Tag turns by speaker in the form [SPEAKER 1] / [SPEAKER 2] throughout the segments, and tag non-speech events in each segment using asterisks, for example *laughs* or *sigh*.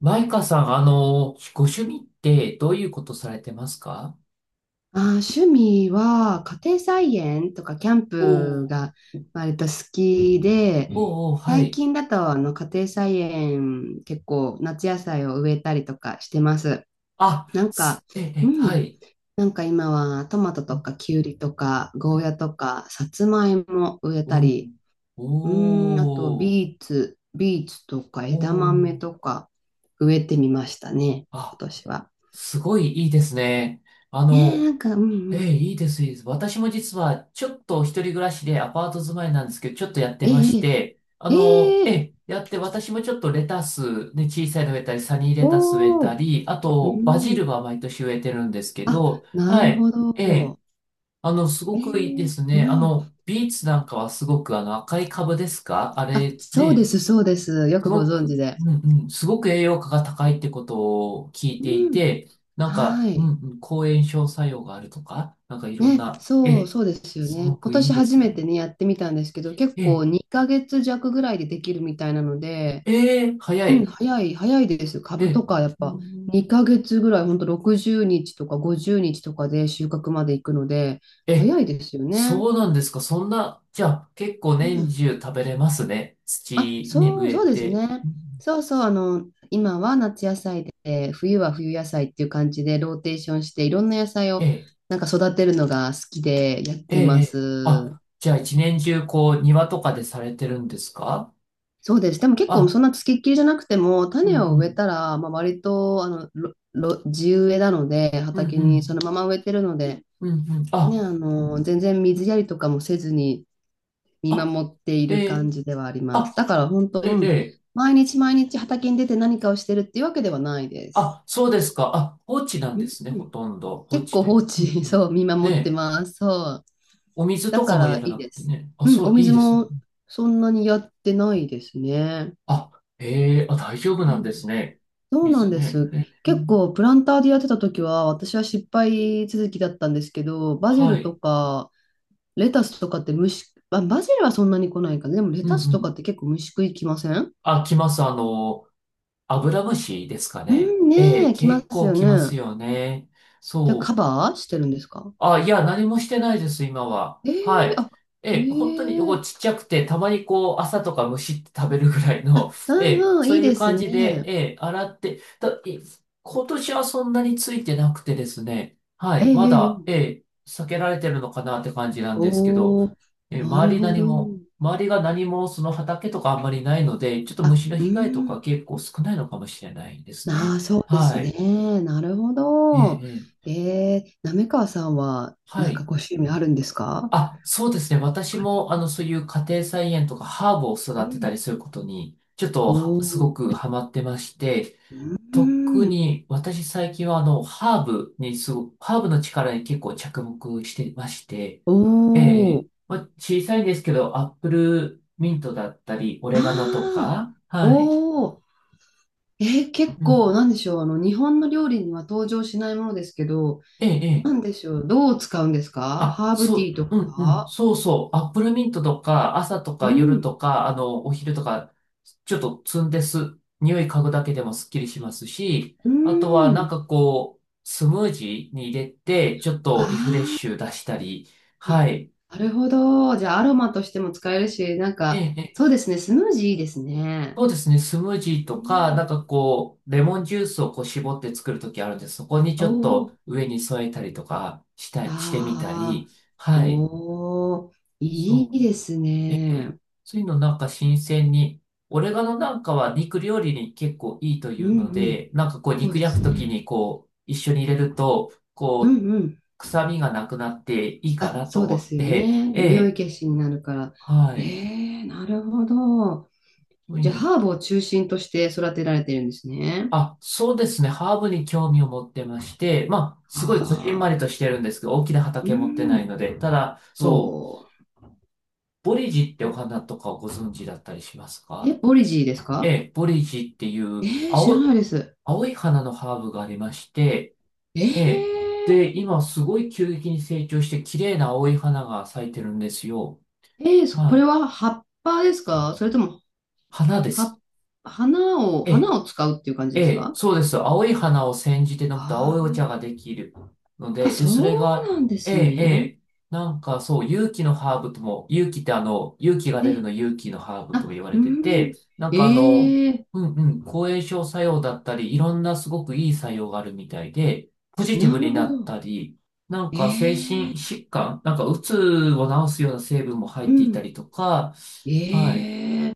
[SPEAKER 1] マイカさん、ご趣味ってどういうことされてますか？
[SPEAKER 2] 趣味は家庭菜園とかキャン
[SPEAKER 1] お
[SPEAKER 2] プ
[SPEAKER 1] ー。
[SPEAKER 2] が割と好きで、う
[SPEAKER 1] お
[SPEAKER 2] ん。
[SPEAKER 1] ー、おー、は
[SPEAKER 2] 最
[SPEAKER 1] い。
[SPEAKER 2] 近だと家庭菜園、結構夏野菜を植えたりとかしてます。
[SPEAKER 1] あ、
[SPEAKER 2] なんか、
[SPEAKER 1] すえ、
[SPEAKER 2] う
[SPEAKER 1] え、は
[SPEAKER 2] ん、
[SPEAKER 1] い。
[SPEAKER 2] なんか今はトマト
[SPEAKER 1] う
[SPEAKER 2] と
[SPEAKER 1] ん
[SPEAKER 2] かキュウリとか
[SPEAKER 1] う
[SPEAKER 2] ゴー
[SPEAKER 1] ん。
[SPEAKER 2] ヤとかさつまいも植え
[SPEAKER 1] お
[SPEAKER 2] たり、
[SPEAKER 1] ー、
[SPEAKER 2] うん、あと
[SPEAKER 1] お
[SPEAKER 2] ビ
[SPEAKER 1] ー、
[SPEAKER 2] ーツ、とか
[SPEAKER 1] お
[SPEAKER 2] 枝豆
[SPEAKER 1] ー。
[SPEAKER 2] とか植えてみましたね、今
[SPEAKER 1] あ、
[SPEAKER 2] 年は。
[SPEAKER 1] すごいいいですね。あ
[SPEAKER 2] ねえ、な
[SPEAKER 1] の、
[SPEAKER 2] んか、うんう
[SPEAKER 1] ええ、
[SPEAKER 2] ん。
[SPEAKER 1] いいです、いいです。私も実は、ちょっと一人暮らしでアパート住まいなんですけど、ちょっとやってまし
[SPEAKER 2] え
[SPEAKER 1] て、
[SPEAKER 2] え
[SPEAKER 1] え
[SPEAKER 2] え
[SPEAKER 1] え、
[SPEAKER 2] え
[SPEAKER 1] やって、私もちょっとレタス、ね、小さいの植えたり、サニーレタス植え
[SPEAKER 2] お
[SPEAKER 1] た
[SPEAKER 2] お、
[SPEAKER 1] り、あ
[SPEAKER 2] う
[SPEAKER 1] と、バジ
[SPEAKER 2] ん。
[SPEAKER 1] ルは毎年植えてるんですけ
[SPEAKER 2] あ、
[SPEAKER 1] ど、
[SPEAKER 2] な
[SPEAKER 1] は
[SPEAKER 2] る
[SPEAKER 1] い。
[SPEAKER 2] ほ
[SPEAKER 1] ええ、
[SPEAKER 2] ど。
[SPEAKER 1] す
[SPEAKER 2] え
[SPEAKER 1] ごくいいで
[SPEAKER 2] え、
[SPEAKER 1] す
[SPEAKER 2] う
[SPEAKER 1] ね。
[SPEAKER 2] ん。
[SPEAKER 1] ビーツなんかはすごく、赤い株ですかあ
[SPEAKER 2] あ、
[SPEAKER 1] れ、
[SPEAKER 2] そうで
[SPEAKER 1] ね。
[SPEAKER 2] す、そうです。よ
[SPEAKER 1] す
[SPEAKER 2] くご
[SPEAKER 1] ごく、
[SPEAKER 2] 存知で。
[SPEAKER 1] うんうん、すごく栄養価が高いってことを聞いてい
[SPEAKER 2] うん。
[SPEAKER 1] て、なんか、
[SPEAKER 2] は
[SPEAKER 1] う
[SPEAKER 2] い。
[SPEAKER 1] んうん、抗炎症作用があるとか、なんかいろん
[SPEAKER 2] ね、
[SPEAKER 1] な、え
[SPEAKER 2] そう、
[SPEAKER 1] え、
[SPEAKER 2] そうですよ
[SPEAKER 1] す
[SPEAKER 2] ね。
[SPEAKER 1] ご
[SPEAKER 2] 今
[SPEAKER 1] くいいん
[SPEAKER 2] 年
[SPEAKER 1] で
[SPEAKER 2] 初
[SPEAKER 1] すよ
[SPEAKER 2] め
[SPEAKER 1] ね。
[SPEAKER 2] てね、やってみたんですけど、結
[SPEAKER 1] え
[SPEAKER 2] 構
[SPEAKER 1] え、
[SPEAKER 2] 2ヶ月弱ぐらいでできるみたいなので、
[SPEAKER 1] ええ、早
[SPEAKER 2] うん、
[SPEAKER 1] い。
[SPEAKER 2] 早いですよ。
[SPEAKER 1] え
[SPEAKER 2] 株と
[SPEAKER 1] え、
[SPEAKER 2] か、やっ
[SPEAKER 1] うんう
[SPEAKER 2] ぱ
[SPEAKER 1] ん。
[SPEAKER 2] 2ヶ月ぐらい、ほんと60日とか50日とかで収穫まで行くので、
[SPEAKER 1] ええ、
[SPEAKER 2] 早いですよね。
[SPEAKER 1] そうなんですか。そんな、じゃあ結構
[SPEAKER 2] う
[SPEAKER 1] 年
[SPEAKER 2] ん。
[SPEAKER 1] 中食べれますね。
[SPEAKER 2] あ、
[SPEAKER 1] 土に
[SPEAKER 2] そう、
[SPEAKER 1] 植え
[SPEAKER 2] そうです
[SPEAKER 1] て。う
[SPEAKER 2] ね。
[SPEAKER 1] んうん。
[SPEAKER 2] 今は夏野菜で、冬は冬野菜っていう感じでローテーションして、いろんな野菜
[SPEAKER 1] え
[SPEAKER 2] を
[SPEAKER 1] え、
[SPEAKER 2] 育てるのが好きでやっ
[SPEAKER 1] ええ、
[SPEAKER 2] て
[SPEAKER 1] え
[SPEAKER 2] ま
[SPEAKER 1] え、
[SPEAKER 2] す。
[SPEAKER 1] あ、じゃあ一年中こう庭とかでされてるんですか？
[SPEAKER 2] そうです。でも結構
[SPEAKER 1] あ、
[SPEAKER 2] そんなつきっきりじゃなくても、
[SPEAKER 1] うんう
[SPEAKER 2] 種を植え
[SPEAKER 1] ん、
[SPEAKER 2] たら、まあ、割とあのろろ地植えなので、
[SPEAKER 1] うんう
[SPEAKER 2] 畑にそ
[SPEAKER 1] ん。
[SPEAKER 2] のまま植えてるので、
[SPEAKER 1] うん、うん。
[SPEAKER 2] ね、
[SPEAKER 1] あ、うん。
[SPEAKER 2] 全然水やりとかもせずに、見
[SPEAKER 1] あ、
[SPEAKER 2] 守ってい
[SPEAKER 1] え
[SPEAKER 2] る感
[SPEAKER 1] ー、
[SPEAKER 2] じではあります。
[SPEAKER 1] あ、
[SPEAKER 2] だから本当、
[SPEAKER 1] えー、
[SPEAKER 2] うん、
[SPEAKER 1] えー。
[SPEAKER 2] 毎日毎日畑に出て何かをしてるっていうわけではないです。
[SPEAKER 1] あ、そうですか。あ、放置なん
[SPEAKER 2] う
[SPEAKER 1] で
[SPEAKER 2] ん
[SPEAKER 1] すね、
[SPEAKER 2] う
[SPEAKER 1] ほ
[SPEAKER 2] ん。
[SPEAKER 1] とんど。放
[SPEAKER 2] 結
[SPEAKER 1] 置
[SPEAKER 2] 構
[SPEAKER 1] とい
[SPEAKER 2] 放
[SPEAKER 1] う。うん、う
[SPEAKER 2] 置、*laughs* そ
[SPEAKER 1] ん。
[SPEAKER 2] う、見守って
[SPEAKER 1] で、
[SPEAKER 2] ます。そう。
[SPEAKER 1] お水
[SPEAKER 2] だ
[SPEAKER 1] とか
[SPEAKER 2] か
[SPEAKER 1] も
[SPEAKER 2] ら
[SPEAKER 1] やら
[SPEAKER 2] いい
[SPEAKER 1] なく
[SPEAKER 2] で
[SPEAKER 1] て
[SPEAKER 2] す。
[SPEAKER 1] ね。あ、
[SPEAKER 2] うん、
[SPEAKER 1] そ
[SPEAKER 2] お
[SPEAKER 1] う、いい
[SPEAKER 2] 水
[SPEAKER 1] ですね。
[SPEAKER 2] もそんなにやってないですね。
[SPEAKER 1] あ、ええ、あ、大丈夫
[SPEAKER 2] う
[SPEAKER 1] なん
[SPEAKER 2] ん、
[SPEAKER 1] ですね。
[SPEAKER 2] そうなん
[SPEAKER 1] 水
[SPEAKER 2] で
[SPEAKER 1] ね。
[SPEAKER 2] す。
[SPEAKER 1] え
[SPEAKER 2] 結
[SPEAKER 1] ー、
[SPEAKER 2] 構プランターでやってた時は私は失敗続きだったんですけど、バジ
[SPEAKER 1] は
[SPEAKER 2] ル
[SPEAKER 1] い。
[SPEAKER 2] とかレタスとかって虫、あ、バジルはそんなに来ないかな。でもレ
[SPEAKER 1] うん、う
[SPEAKER 2] タスとかっ
[SPEAKER 1] ん。
[SPEAKER 2] て結構虫食いきません？
[SPEAKER 1] あ、来ます。アブラムシですか
[SPEAKER 2] う
[SPEAKER 1] ね。
[SPEAKER 2] ん、
[SPEAKER 1] え
[SPEAKER 2] ね
[SPEAKER 1] え、
[SPEAKER 2] え、来ま
[SPEAKER 1] 結
[SPEAKER 2] す
[SPEAKER 1] 構
[SPEAKER 2] よ
[SPEAKER 1] 来ます
[SPEAKER 2] ね。
[SPEAKER 1] よね。
[SPEAKER 2] じゃあカ
[SPEAKER 1] そう。
[SPEAKER 2] バーしてるんですか？
[SPEAKER 1] あ、いや、何もしてないです、今は。
[SPEAKER 2] え
[SPEAKER 1] は
[SPEAKER 2] え、
[SPEAKER 1] い。
[SPEAKER 2] あ、え
[SPEAKER 1] ええ、本当にこう
[SPEAKER 2] え、
[SPEAKER 1] ちっちゃくて、たまにこう、朝とかむしって食べるぐらい
[SPEAKER 2] あ、
[SPEAKER 1] の、*laughs* え
[SPEAKER 2] う
[SPEAKER 1] え、
[SPEAKER 2] んうん、
[SPEAKER 1] そう
[SPEAKER 2] いい
[SPEAKER 1] い
[SPEAKER 2] で
[SPEAKER 1] う
[SPEAKER 2] す
[SPEAKER 1] 感
[SPEAKER 2] ね。
[SPEAKER 1] じで、ええ、洗って、だ、い。今年はそんなについてなくてですね、は
[SPEAKER 2] え
[SPEAKER 1] い、ま
[SPEAKER 2] え
[SPEAKER 1] だ、
[SPEAKER 2] ええ、
[SPEAKER 1] ええ、避けられてるのかなって感じなんですけど、
[SPEAKER 2] おおー、
[SPEAKER 1] ええ、
[SPEAKER 2] なる
[SPEAKER 1] 周り
[SPEAKER 2] ほ
[SPEAKER 1] 何
[SPEAKER 2] ど。
[SPEAKER 1] も、周りが何もその畑とかあんまりないので、ちょっと
[SPEAKER 2] あ、
[SPEAKER 1] 虫の
[SPEAKER 2] う
[SPEAKER 1] 被害と
[SPEAKER 2] ん、
[SPEAKER 1] か結構少ないのかもしれないです
[SPEAKER 2] あ
[SPEAKER 1] ね。
[SPEAKER 2] あ、そうです
[SPEAKER 1] はい。
[SPEAKER 2] ね。なるほ
[SPEAKER 1] ええ、
[SPEAKER 2] ど。
[SPEAKER 1] ええ、
[SPEAKER 2] ええー、滑川さんは、
[SPEAKER 1] はい。
[SPEAKER 2] ご趣味あるんですか？
[SPEAKER 1] あ、そうですね。私
[SPEAKER 2] 他に。
[SPEAKER 1] も、そういう家庭菜園とかハーブを
[SPEAKER 2] う
[SPEAKER 1] 育てた
[SPEAKER 2] ん。
[SPEAKER 1] りすることに、ちょっ
[SPEAKER 2] お
[SPEAKER 1] とは、すご
[SPEAKER 2] お
[SPEAKER 1] く
[SPEAKER 2] ー、
[SPEAKER 1] ハマってまして、
[SPEAKER 2] う
[SPEAKER 1] 特
[SPEAKER 2] ん、
[SPEAKER 1] に私最近は、ハーブにすご、ハーブの力に結構着目してまして、
[SPEAKER 2] お
[SPEAKER 1] ええ、え
[SPEAKER 2] お、
[SPEAKER 1] え、まあ、小さいんですけど、アップルミントだったり、オ
[SPEAKER 2] あ
[SPEAKER 1] レガノと
[SPEAKER 2] あ、
[SPEAKER 1] か、はい。
[SPEAKER 2] おお、えー結
[SPEAKER 1] う
[SPEAKER 2] 構、
[SPEAKER 1] ん。
[SPEAKER 2] なんでしょう、あの、日本の料理には登場しないものですけど、
[SPEAKER 1] ええ、
[SPEAKER 2] なん
[SPEAKER 1] え、
[SPEAKER 2] でしょう、どう使うんですか？
[SPEAKER 1] あ、
[SPEAKER 2] ハーブ
[SPEAKER 1] そ
[SPEAKER 2] ティ
[SPEAKER 1] う、
[SPEAKER 2] ーと
[SPEAKER 1] うんうん、
[SPEAKER 2] か。
[SPEAKER 1] そうそう、アップルミントとか、朝と
[SPEAKER 2] う
[SPEAKER 1] か夜と
[SPEAKER 2] ん、
[SPEAKER 1] か、お昼とか、ちょっと積んです。匂い嗅ぐだけでもスッキリしますし、
[SPEAKER 2] う
[SPEAKER 1] あとはなん
[SPEAKER 2] ん。
[SPEAKER 1] かこう、スムージーに入れて、ちょっとリフレッ
[SPEAKER 2] あ
[SPEAKER 1] シュ出したり、
[SPEAKER 2] ー、あ、
[SPEAKER 1] はい。
[SPEAKER 2] なるほど。じゃあ、アロマとしても使えるし、
[SPEAKER 1] ええ、ええ、
[SPEAKER 2] そうですね、スムージーいいですね。
[SPEAKER 1] そうですね、スムージー
[SPEAKER 2] う
[SPEAKER 1] とか、なん
[SPEAKER 2] ん。
[SPEAKER 1] かこう、レモンジュースをこう絞って作るときあるんです、そこにち
[SPEAKER 2] お
[SPEAKER 1] ょっと
[SPEAKER 2] ー、
[SPEAKER 1] 上に添えたりとかした、してみた
[SPEAKER 2] あ
[SPEAKER 1] り、
[SPEAKER 2] あ、
[SPEAKER 1] はい。
[SPEAKER 2] おー、い
[SPEAKER 1] そ
[SPEAKER 2] い
[SPEAKER 1] う。
[SPEAKER 2] です
[SPEAKER 1] ええ、
[SPEAKER 2] ね。
[SPEAKER 1] そういうのなんか新鮮に、オレガノなんかは肉料理に結構いいとい
[SPEAKER 2] う
[SPEAKER 1] う
[SPEAKER 2] ん
[SPEAKER 1] の
[SPEAKER 2] うん、
[SPEAKER 1] で、なんかこう
[SPEAKER 2] そう
[SPEAKER 1] 肉
[SPEAKER 2] です
[SPEAKER 1] 焼くとき
[SPEAKER 2] ね。
[SPEAKER 1] にこう一緒に入れると、
[SPEAKER 2] う
[SPEAKER 1] こう
[SPEAKER 2] んうん。
[SPEAKER 1] 臭みがなくなっていいか
[SPEAKER 2] あ、
[SPEAKER 1] な
[SPEAKER 2] そ
[SPEAKER 1] と
[SPEAKER 2] う
[SPEAKER 1] 思
[SPEAKER 2] で
[SPEAKER 1] っ
[SPEAKER 2] すよ
[SPEAKER 1] て、
[SPEAKER 2] ね。
[SPEAKER 1] え
[SPEAKER 2] 匂い
[SPEAKER 1] え、
[SPEAKER 2] 消しになるから。
[SPEAKER 1] は
[SPEAKER 2] え
[SPEAKER 1] い。
[SPEAKER 2] え、なるほど。
[SPEAKER 1] そういう
[SPEAKER 2] じゃあ、
[SPEAKER 1] の、
[SPEAKER 2] ハーブを中心として育てられてるんですね。
[SPEAKER 1] あ、そうですね。ハーブに興味を持ってまして、まあ、すごいこじんま
[SPEAKER 2] あ
[SPEAKER 1] り
[SPEAKER 2] あ、
[SPEAKER 1] としてるんですけど、大きな
[SPEAKER 2] う
[SPEAKER 1] 畑持ってない
[SPEAKER 2] ん。
[SPEAKER 1] ので、ただ、そう、
[SPEAKER 2] ほ
[SPEAKER 1] ボリジってお
[SPEAKER 2] う。
[SPEAKER 1] 花とかをご存知だったりします
[SPEAKER 2] え、
[SPEAKER 1] か？
[SPEAKER 2] ボリジーです
[SPEAKER 1] え
[SPEAKER 2] か？
[SPEAKER 1] え、ボリジっていう
[SPEAKER 2] ええ、知ら
[SPEAKER 1] 青、
[SPEAKER 2] ないです。
[SPEAKER 1] 青い花のハーブがありまして、
[SPEAKER 2] え
[SPEAKER 1] ええ、
[SPEAKER 2] え、
[SPEAKER 1] で、今すごい急激に成長して綺麗な青い花が咲いてるんですよ。
[SPEAKER 2] ええ、そこ
[SPEAKER 1] は
[SPEAKER 2] れ
[SPEAKER 1] い。
[SPEAKER 2] は葉っぱですか、それとも、
[SPEAKER 1] 花です。
[SPEAKER 2] は、
[SPEAKER 1] え
[SPEAKER 2] 花
[SPEAKER 1] え、
[SPEAKER 2] を使うっていう感じ
[SPEAKER 1] え
[SPEAKER 2] です
[SPEAKER 1] え、
[SPEAKER 2] か？
[SPEAKER 1] そうです。青い花を煎じて飲むと青いお
[SPEAKER 2] あ、
[SPEAKER 1] 茶ができるの
[SPEAKER 2] ああ、
[SPEAKER 1] で、で、
[SPEAKER 2] そ
[SPEAKER 1] それ
[SPEAKER 2] う
[SPEAKER 1] が、
[SPEAKER 2] なんで
[SPEAKER 1] え
[SPEAKER 2] す
[SPEAKER 1] え、え
[SPEAKER 2] ね。
[SPEAKER 1] え、なんかそう、勇気のハーブとも、勇気って勇気が出る
[SPEAKER 2] え、
[SPEAKER 1] の勇気のハーブとも
[SPEAKER 2] あ、
[SPEAKER 1] 言わ
[SPEAKER 2] う
[SPEAKER 1] れてて、
[SPEAKER 2] ん。
[SPEAKER 1] なんか
[SPEAKER 2] ええ、
[SPEAKER 1] うんうん、抗炎症作用だったり、いろんなすごくいい作用があるみたいで、ポジティ
[SPEAKER 2] な
[SPEAKER 1] ブ
[SPEAKER 2] る
[SPEAKER 1] にな
[SPEAKER 2] ほ
[SPEAKER 1] っ
[SPEAKER 2] ど。
[SPEAKER 1] たり、なんか精
[SPEAKER 2] え、
[SPEAKER 1] 神疾患、なんかうつを治すような成分も
[SPEAKER 2] う
[SPEAKER 1] 入っていた
[SPEAKER 2] ん。
[SPEAKER 1] りとか、はい。
[SPEAKER 2] ええ、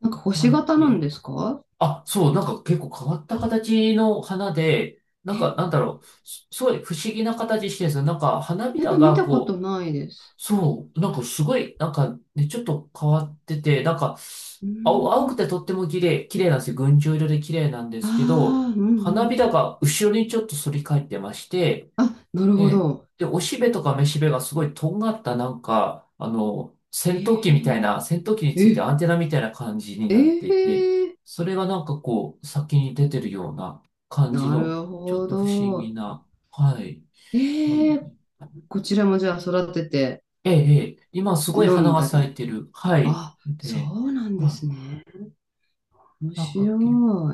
[SPEAKER 2] なんか
[SPEAKER 1] は
[SPEAKER 2] 星型なん
[SPEAKER 1] い。
[SPEAKER 2] ですか？
[SPEAKER 1] あ、そう、なんか結構変わった形の花で、なんか
[SPEAKER 2] え、
[SPEAKER 1] なんだろう、すすごい不思議な形してるんですよ。なんか花び
[SPEAKER 2] え、
[SPEAKER 1] ら
[SPEAKER 2] 見
[SPEAKER 1] が
[SPEAKER 2] たこと
[SPEAKER 1] こう、
[SPEAKER 2] ないです。
[SPEAKER 1] そう、なんかすごい、なんかね、ちょっと変わってて、なんか、
[SPEAKER 2] う
[SPEAKER 1] 青、青
[SPEAKER 2] ん。
[SPEAKER 1] くてとっても綺麗、綺麗なんですよ。群青色で綺麗なんですけど、
[SPEAKER 2] ああ、うんう
[SPEAKER 1] 花
[SPEAKER 2] ん。
[SPEAKER 1] びらが後ろにちょっと反り返ってまして、
[SPEAKER 2] あ、なる
[SPEAKER 1] え
[SPEAKER 2] ほ
[SPEAKER 1] え。
[SPEAKER 2] ど。
[SPEAKER 1] で、おしべとかめしべがすごいとんがったなんか、
[SPEAKER 2] え、
[SPEAKER 1] 戦闘機みたい
[SPEAKER 2] え
[SPEAKER 1] な、戦闘機について
[SPEAKER 2] え、
[SPEAKER 1] アンテナみたいな感じに
[SPEAKER 2] え
[SPEAKER 1] なって
[SPEAKER 2] え、
[SPEAKER 1] いて、それがなんかこう、先に出てるような感じ
[SPEAKER 2] な
[SPEAKER 1] の、
[SPEAKER 2] る
[SPEAKER 1] ちょっ
[SPEAKER 2] ほ
[SPEAKER 1] と不思議
[SPEAKER 2] ど。
[SPEAKER 1] な、はい。も
[SPEAKER 2] え
[SPEAKER 1] ので、
[SPEAKER 2] え、こちらもじゃあ育てて
[SPEAKER 1] ええ、ええ、今すごい
[SPEAKER 2] 飲
[SPEAKER 1] 花
[SPEAKER 2] ん
[SPEAKER 1] が
[SPEAKER 2] だ
[SPEAKER 1] 咲い
[SPEAKER 2] り。
[SPEAKER 1] てる。はい。
[SPEAKER 2] あ、そ
[SPEAKER 1] で、
[SPEAKER 2] うなんで
[SPEAKER 1] は
[SPEAKER 2] す
[SPEAKER 1] い。
[SPEAKER 2] ね。面
[SPEAKER 1] なん
[SPEAKER 2] 白
[SPEAKER 1] か、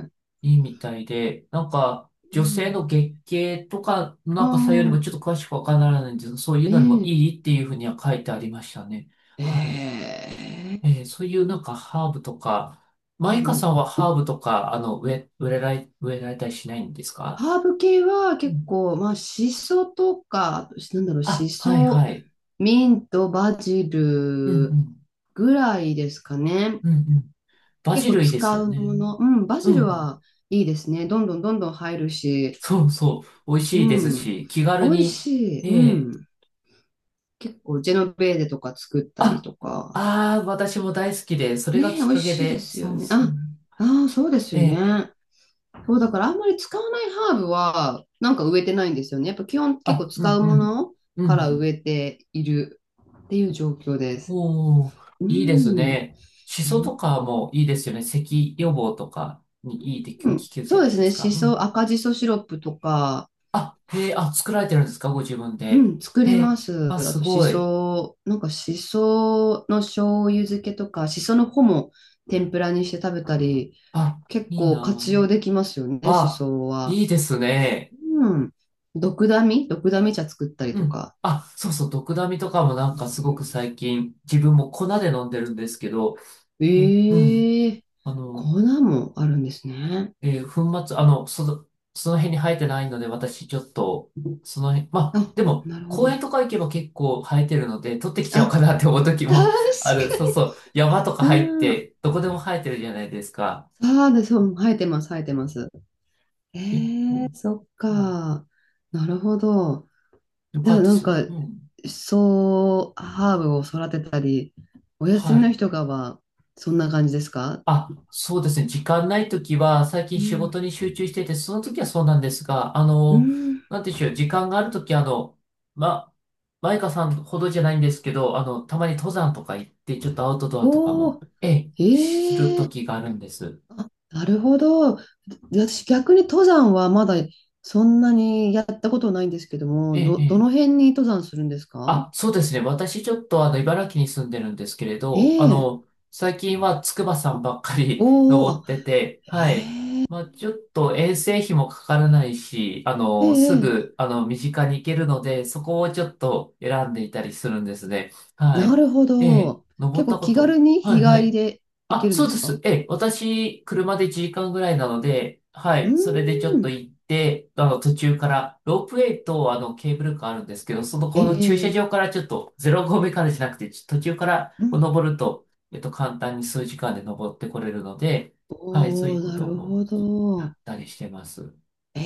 [SPEAKER 2] い。
[SPEAKER 1] いいみたいで、なんか、
[SPEAKER 2] う
[SPEAKER 1] 女性
[SPEAKER 2] ん。
[SPEAKER 1] の月経とかの
[SPEAKER 2] あ
[SPEAKER 1] なんかさよりもちょっ
[SPEAKER 2] あ、
[SPEAKER 1] と詳しくわからないんですけど、そういう
[SPEAKER 2] え
[SPEAKER 1] のにも
[SPEAKER 2] え
[SPEAKER 1] いいっていうふうには書いてありましたね。はい。
[SPEAKER 2] ええ。
[SPEAKER 1] そういうなんかハーブとか、
[SPEAKER 2] ハ
[SPEAKER 1] マ
[SPEAKER 2] ー
[SPEAKER 1] イカさん
[SPEAKER 2] ブ。
[SPEAKER 1] はハーブとか、植え、植えられ、植えられたりしないんですか？
[SPEAKER 2] ハーブ系は
[SPEAKER 1] う
[SPEAKER 2] 結
[SPEAKER 1] ん。
[SPEAKER 2] 構、まあ、シソとか、なんだろう、シ
[SPEAKER 1] あ、はい
[SPEAKER 2] ソ、
[SPEAKER 1] はい。
[SPEAKER 2] ミント、バジ
[SPEAKER 1] うんう
[SPEAKER 2] ル
[SPEAKER 1] ん。
[SPEAKER 2] ぐらいですかね。
[SPEAKER 1] うんうん。バ
[SPEAKER 2] 結
[SPEAKER 1] ジ
[SPEAKER 2] 構
[SPEAKER 1] ルいいです
[SPEAKER 2] 使
[SPEAKER 1] よ
[SPEAKER 2] う
[SPEAKER 1] ね。
[SPEAKER 2] もの。うん、バ
[SPEAKER 1] う
[SPEAKER 2] ジ
[SPEAKER 1] んう
[SPEAKER 2] ル
[SPEAKER 1] ん。
[SPEAKER 2] はいいですね。どんどん入るし、
[SPEAKER 1] そうそう。美味しい
[SPEAKER 2] う
[SPEAKER 1] です
[SPEAKER 2] ん、
[SPEAKER 1] し、気
[SPEAKER 2] 美
[SPEAKER 1] 軽
[SPEAKER 2] 味
[SPEAKER 1] に、
[SPEAKER 2] しい。う
[SPEAKER 1] ええ、
[SPEAKER 2] ん。結構、ジェノベーゼとか作ったり
[SPEAKER 1] あ、
[SPEAKER 2] とか。
[SPEAKER 1] ああ、私も大好きで、それが
[SPEAKER 2] ねえ、美
[SPEAKER 1] きっ
[SPEAKER 2] 味
[SPEAKER 1] かけ
[SPEAKER 2] しいで
[SPEAKER 1] で、
[SPEAKER 2] すよ
[SPEAKER 1] そう
[SPEAKER 2] ね。
[SPEAKER 1] そう。
[SPEAKER 2] あ、ああ、そうです
[SPEAKER 1] え
[SPEAKER 2] よ
[SPEAKER 1] え。
[SPEAKER 2] ね。そう、だからあんまり使わないハーブは、植えてないんですよね。やっぱ基本結構
[SPEAKER 1] あ、う
[SPEAKER 2] 使
[SPEAKER 1] ん
[SPEAKER 2] う
[SPEAKER 1] う
[SPEAKER 2] も
[SPEAKER 1] ん。
[SPEAKER 2] の
[SPEAKER 1] う
[SPEAKER 2] から植
[SPEAKER 1] ん。
[SPEAKER 2] えているっていう状況です。
[SPEAKER 1] おお、
[SPEAKER 2] う
[SPEAKER 1] いいです
[SPEAKER 2] ん。
[SPEAKER 1] ね。シ
[SPEAKER 2] う
[SPEAKER 1] ソ
[SPEAKER 2] ん。
[SPEAKER 1] とかもいいですよね。咳予防とかにいいって聞けるじゃ
[SPEAKER 2] そう
[SPEAKER 1] な
[SPEAKER 2] で
[SPEAKER 1] い
[SPEAKER 2] す
[SPEAKER 1] で
[SPEAKER 2] ね。
[SPEAKER 1] すか。
[SPEAKER 2] し
[SPEAKER 1] う
[SPEAKER 2] そ、
[SPEAKER 1] ん。
[SPEAKER 2] 赤じそシロップとか、
[SPEAKER 1] あ、へえ、あ、作られてるんですかご自分
[SPEAKER 2] う
[SPEAKER 1] で。
[SPEAKER 2] ん、作
[SPEAKER 1] へ
[SPEAKER 2] り
[SPEAKER 1] え、
[SPEAKER 2] ます。
[SPEAKER 1] あ、
[SPEAKER 2] あ
[SPEAKER 1] す
[SPEAKER 2] と、し
[SPEAKER 1] ごい。
[SPEAKER 2] そ、しその醤油漬けとか、しその穂も天ぷらにして食べたり、
[SPEAKER 1] あ、
[SPEAKER 2] 結
[SPEAKER 1] いい
[SPEAKER 2] 構活
[SPEAKER 1] な
[SPEAKER 2] 用できますよね、
[SPEAKER 1] あ。
[SPEAKER 2] し
[SPEAKER 1] あ、
[SPEAKER 2] そは。
[SPEAKER 1] いいですね。
[SPEAKER 2] うん。ドクダミ茶作ったり
[SPEAKER 1] う
[SPEAKER 2] と
[SPEAKER 1] ん。
[SPEAKER 2] か。
[SPEAKER 1] あ、そうそう、ドクダミとかもなん
[SPEAKER 2] う
[SPEAKER 1] かすごく
[SPEAKER 2] ん、
[SPEAKER 1] 最近、自分も粉で飲んでるんですけど、え、うん。
[SPEAKER 2] ええ、
[SPEAKER 1] あの、
[SPEAKER 2] 粉もあるんですね。
[SPEAKER 1] 粉末、その、その辺に生えてないので、私ちょっと、その辺、まあ、
[SPEAKER 2] あ、
[SPEAKER 1] でも、
[SPEAKER 2] なるほ
[SPEAKER 1] 公園
[SPEAKER 2] ど。
[SPEAKER 1] とか行けば結構生えてるので、取ってきちゃおう
[SPEAKER 2] あ、
[SPEAKER 1] かなって思う時も *laughs* あ
[SPEAKER 2] 確
[SPEAKER 1] る。
[SPEAKER 2] か
[SPEAKER 1] そうそう。山とか
[SPEAKER 2] に。
[SPEAKER 1] 入っ
[SPEAKER 2] あ
[SPEAKER 1] て、
[SPEAKER 2] あ、
[SPEAKER 1] どこでも生えてるじゃないですか。
[SPEAKER 2] そうです。生えてます。
[SPEAKER 1] え、
[SPEAKER 2] え、
[SPEAKER 1] う
[SPEAKER 2] そっ
[SPEAKER 1] ん。
[SPEAKER 2] か。なるほど。
[SPEAKER 1] よ
[SPEAKER 2] じ
[SPEAKER 1] か
[SPEAKER 2] ゃ
[SPEAKER 1] っ
[SPEAKER 2] あ、
[SPEAKER 1] たです。うん。
[SPEAKER 2] ハーブを育てたり、お休
[SPEAKER 1] は
[SPEAKER 2] みの
[SPEAKER 1] い。
[SPEAKER 2] 日とかは、そんな感じですか？
[SPEAKER 1] あ、そうですね。時間ないときは、最近
[SPEAKER 2] う
[SPEAKER 1] 仕事
[SPEAKER 2] ん。
[SPEAKER 1] に集中してて、その時はそうなんですが、
[SPEAKER 2] うん。
[SPEAKER 1] なんていうんでしょう、時間があるとき、ま、マイカさんほどじゃないんですけど、たまに登山とか行って、ちょっとアウトドアとかも、
[SPEAKER 2] お
[SPEAKER 1] ええ、する
[SPEAKER 2] ー、え
[SPEAKER 1] と
[SPEAKER 2] え、
[SPEAKER 1] きがあるんです。
[SPEAKER 2] あ、なるほど。私、逆に登山はまだそんなにやったことないんですけど
[SPEAKER 1] え
[SPEAKER 2] も、
[SPEAKER 1] え、え
[SPEAKER 2] どの
[SPEAKER 1] え。
[SPEAKER 2] 辺に登山するんですか？
[SPEAKER 1] あ、そうですね。私ちょっと茨城に住んでるんですけれ
[SPEAKER 2] え
[SPEAKER 1] ど、
[SPEAKER 2] え。
[SPEAKER 1] 最近は筑波山ばっかり *laughs*
[SPEAKER 2] おお、
[SPEAKER 1] 登
[SPEAKER 2] あ、
[SPEAKER 1] ってて、はい。まあ、ちょっと遠征費もかからないし、
[SPEAKER 2] ええ、
[SPEAKER 1] す
[SPEAKER 2] ええ、
[SPEAKER 1] ぐ、身近に行けるので、そこをちょっと選んでいたりするんですね。は
[SPEAKER 2] な
[SPEAKER 1] い。
[SPEAKER 2] るほ
[SPEAKER 1] ええ、
[SPEAKER 2] ど。
[SPEAKER 1] 登っ
[SPEAKER 2] 結
[SPEAKER 1] た
[SPEAKER 2] 構
[SPEAKER 1] こ
[SPEAKER 2] 気軽
[SPEAKER 1] と。
[SPEAKER 2] に
[SPEAKER 1] は
[SPEAKER 2] 日
[SPEAKER 1] いは
[SPEAKER 2] 帰り
[SPEAKER 1] い。
[SPEAKER 2] で行け
[SPEAKER 1] あ、
[SPEAKER 2] るん
[SPEAKER 1] そう
[SPEAKER 2] です
[SPEAKER 1] で
[SPEAKER 2] か？
[SPEAKER 1] す。ええ、私、車で1時間ぐらいなので、は
[SPEAKER 2] う
[SPEAKER 1] い、それでちょ
[SPEAKER 2] ー
[SPEAKER 1] っと
[SPEAKER 2] ん。
[SPEAKER 1] 行って、途中から、ロープウェイと、ケーブルカーあるんですけど、その、
[SPEAKER 2] え
[SPEAKER 1] この駐車
[SPEAKER 2] え、
[SPEAKER 1] 場からちょっと、0合目からじゃなくて、ち途中から
[SPEAKER 2] う
[SPEAKER 1] こう
[SPEAKER 2] ん。
[SPEAKER 1] 登ると、簡単に数時間で登ってこれるので、はい、そ
[SPEAKER 2] お
[SPEAKER 1] う
[SPEAKER 2] お、
[SPEAKER 1] いうこ
[SPEAKER 2] な
[SPEAKER 1] と
[SPEAKER 2] る
[SPEAKER 1] を
[SPEAKER 2] ほ
[SPEAKER 1] や
[SPEAKER 2] ど。
[SPEAKER 1] ったりしてます。
[SPEAKER 2] え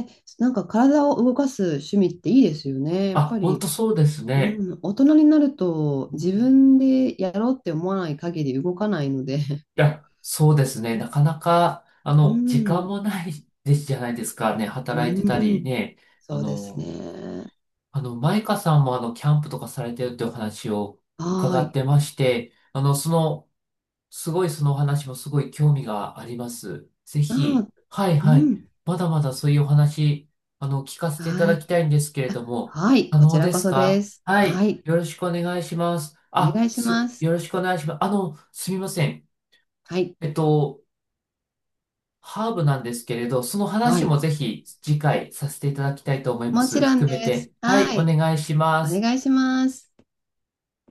[SPEAKER 2] え、体を動かす趣味っていいですよね。やっ
[SPEAKER 1] あ、
[SPEAKER 2] ぱ
[SPEAKER 1] 本当
[SPEAKER 2] り、
[SPEAKER 1] そうですね。
[SPEAKER 2] うん、大人になると
[SPEAKER 1] うん。
[SPEAKER 2] 自分でやろうって思わない限り動かないので、
[SPEAKER 1] いや、そうですね。なか
[SPEAKER 2] *laughs*
[SPEAKER 1] なか、
[SPEAKER 2] う
[SPEAKER 1] 時間も
[SPEAKER 2] ん、
[SPEAKER 1] ないですじゃないですかね。
[SPEAKER 2] う
[SPEAKER 1] 働いてたり
[SPEAKER 2] ん、
[SPEAKER 1] ね。あ
[SPEAKER 2] そうです
[SPEAKER 1] の、
[SPEAKER 2] ね。
[SPEAKER 1] マイカさんもキャンプとかされてるってお話を
[SPEAKER 2] はー
[SPEAKER 1] 伺っ
[SPEAKER 2] い。
[SPEAKER 1] てまして、その、すごいそのお話もすごい興味があります。ぜ
[SPEAKER 2] あ
[SPEAKER 1] ひ、
[SPEAKER 2] ー、
[SPEAKER 1] はい
[SPEAKER 2] う
[SPEAKER 1] はい。
[SPEAKER 2] ん、
[SPEAKER 1] まだまだそういうお話、聞かせ
[SPEAKER 2] は
[SPEAKER 1] ていた
[SPEAKER 2] ー
[SPEAKER 1] だき
[SPEAKER 2] い。
[SPEAKER 1] たいんですけれ
[SPEAKER 2] あ、
[SPEAKER 1] ども、
[SPEAKER 2] はい、
[SPEAKER 1] 可
[SPEAKER 2] こち
[SPEAKER 1] 能
[SPEAKER 2] ら
[SPEAKER 1] で
[SPEAKER 2] こ
[SPEAKER 1] す
[SPEAKER 2] そで
[SPEAKER 1] か？
[SPEAKER 2] す。
[SPEAKER 1] は
[SPEAKER 2] は
[SPEAKER 1] い。
[SPEAKER 2] い、
[SPEAKER 1] よろしくお願いします。
[SPEAKER 2] お願
[SPEAKER 1] あ、
[SPEAKER 2] いし
[SPEAKER 1] す、
[SPEAKER 2] ます。
[SPEAKER 1] よろしくお願いします。すみません。
[SPEAKER 2] はい、
[SPEAKER 1] えっと、ハーブなんですけれど、その
[SPEAKER 2] は
[SPEAKER 1] 話
[SPEAKER 2] い、
[SPEAKER 1] もぜひ次回させていただきたいと思いま
[SPEAKER 2] もち
[SPEAKER 1] す。
[SPEAKER 2] ろん
[SPEAKER 1] 含
[SPEAKER 2] で
[SPEAKER 1] め
[SPEAKER 2] す。
[SPEAKER 1] て。はい、
[SPEAKER 2] は
[SPEAKER 1] お
[SPEAKER 2] い、
[SPEAKER 1] 願いしま
[SPEAKER 2] お
[SPEAKER 1] す。
[SPEAKER 2] 願いします。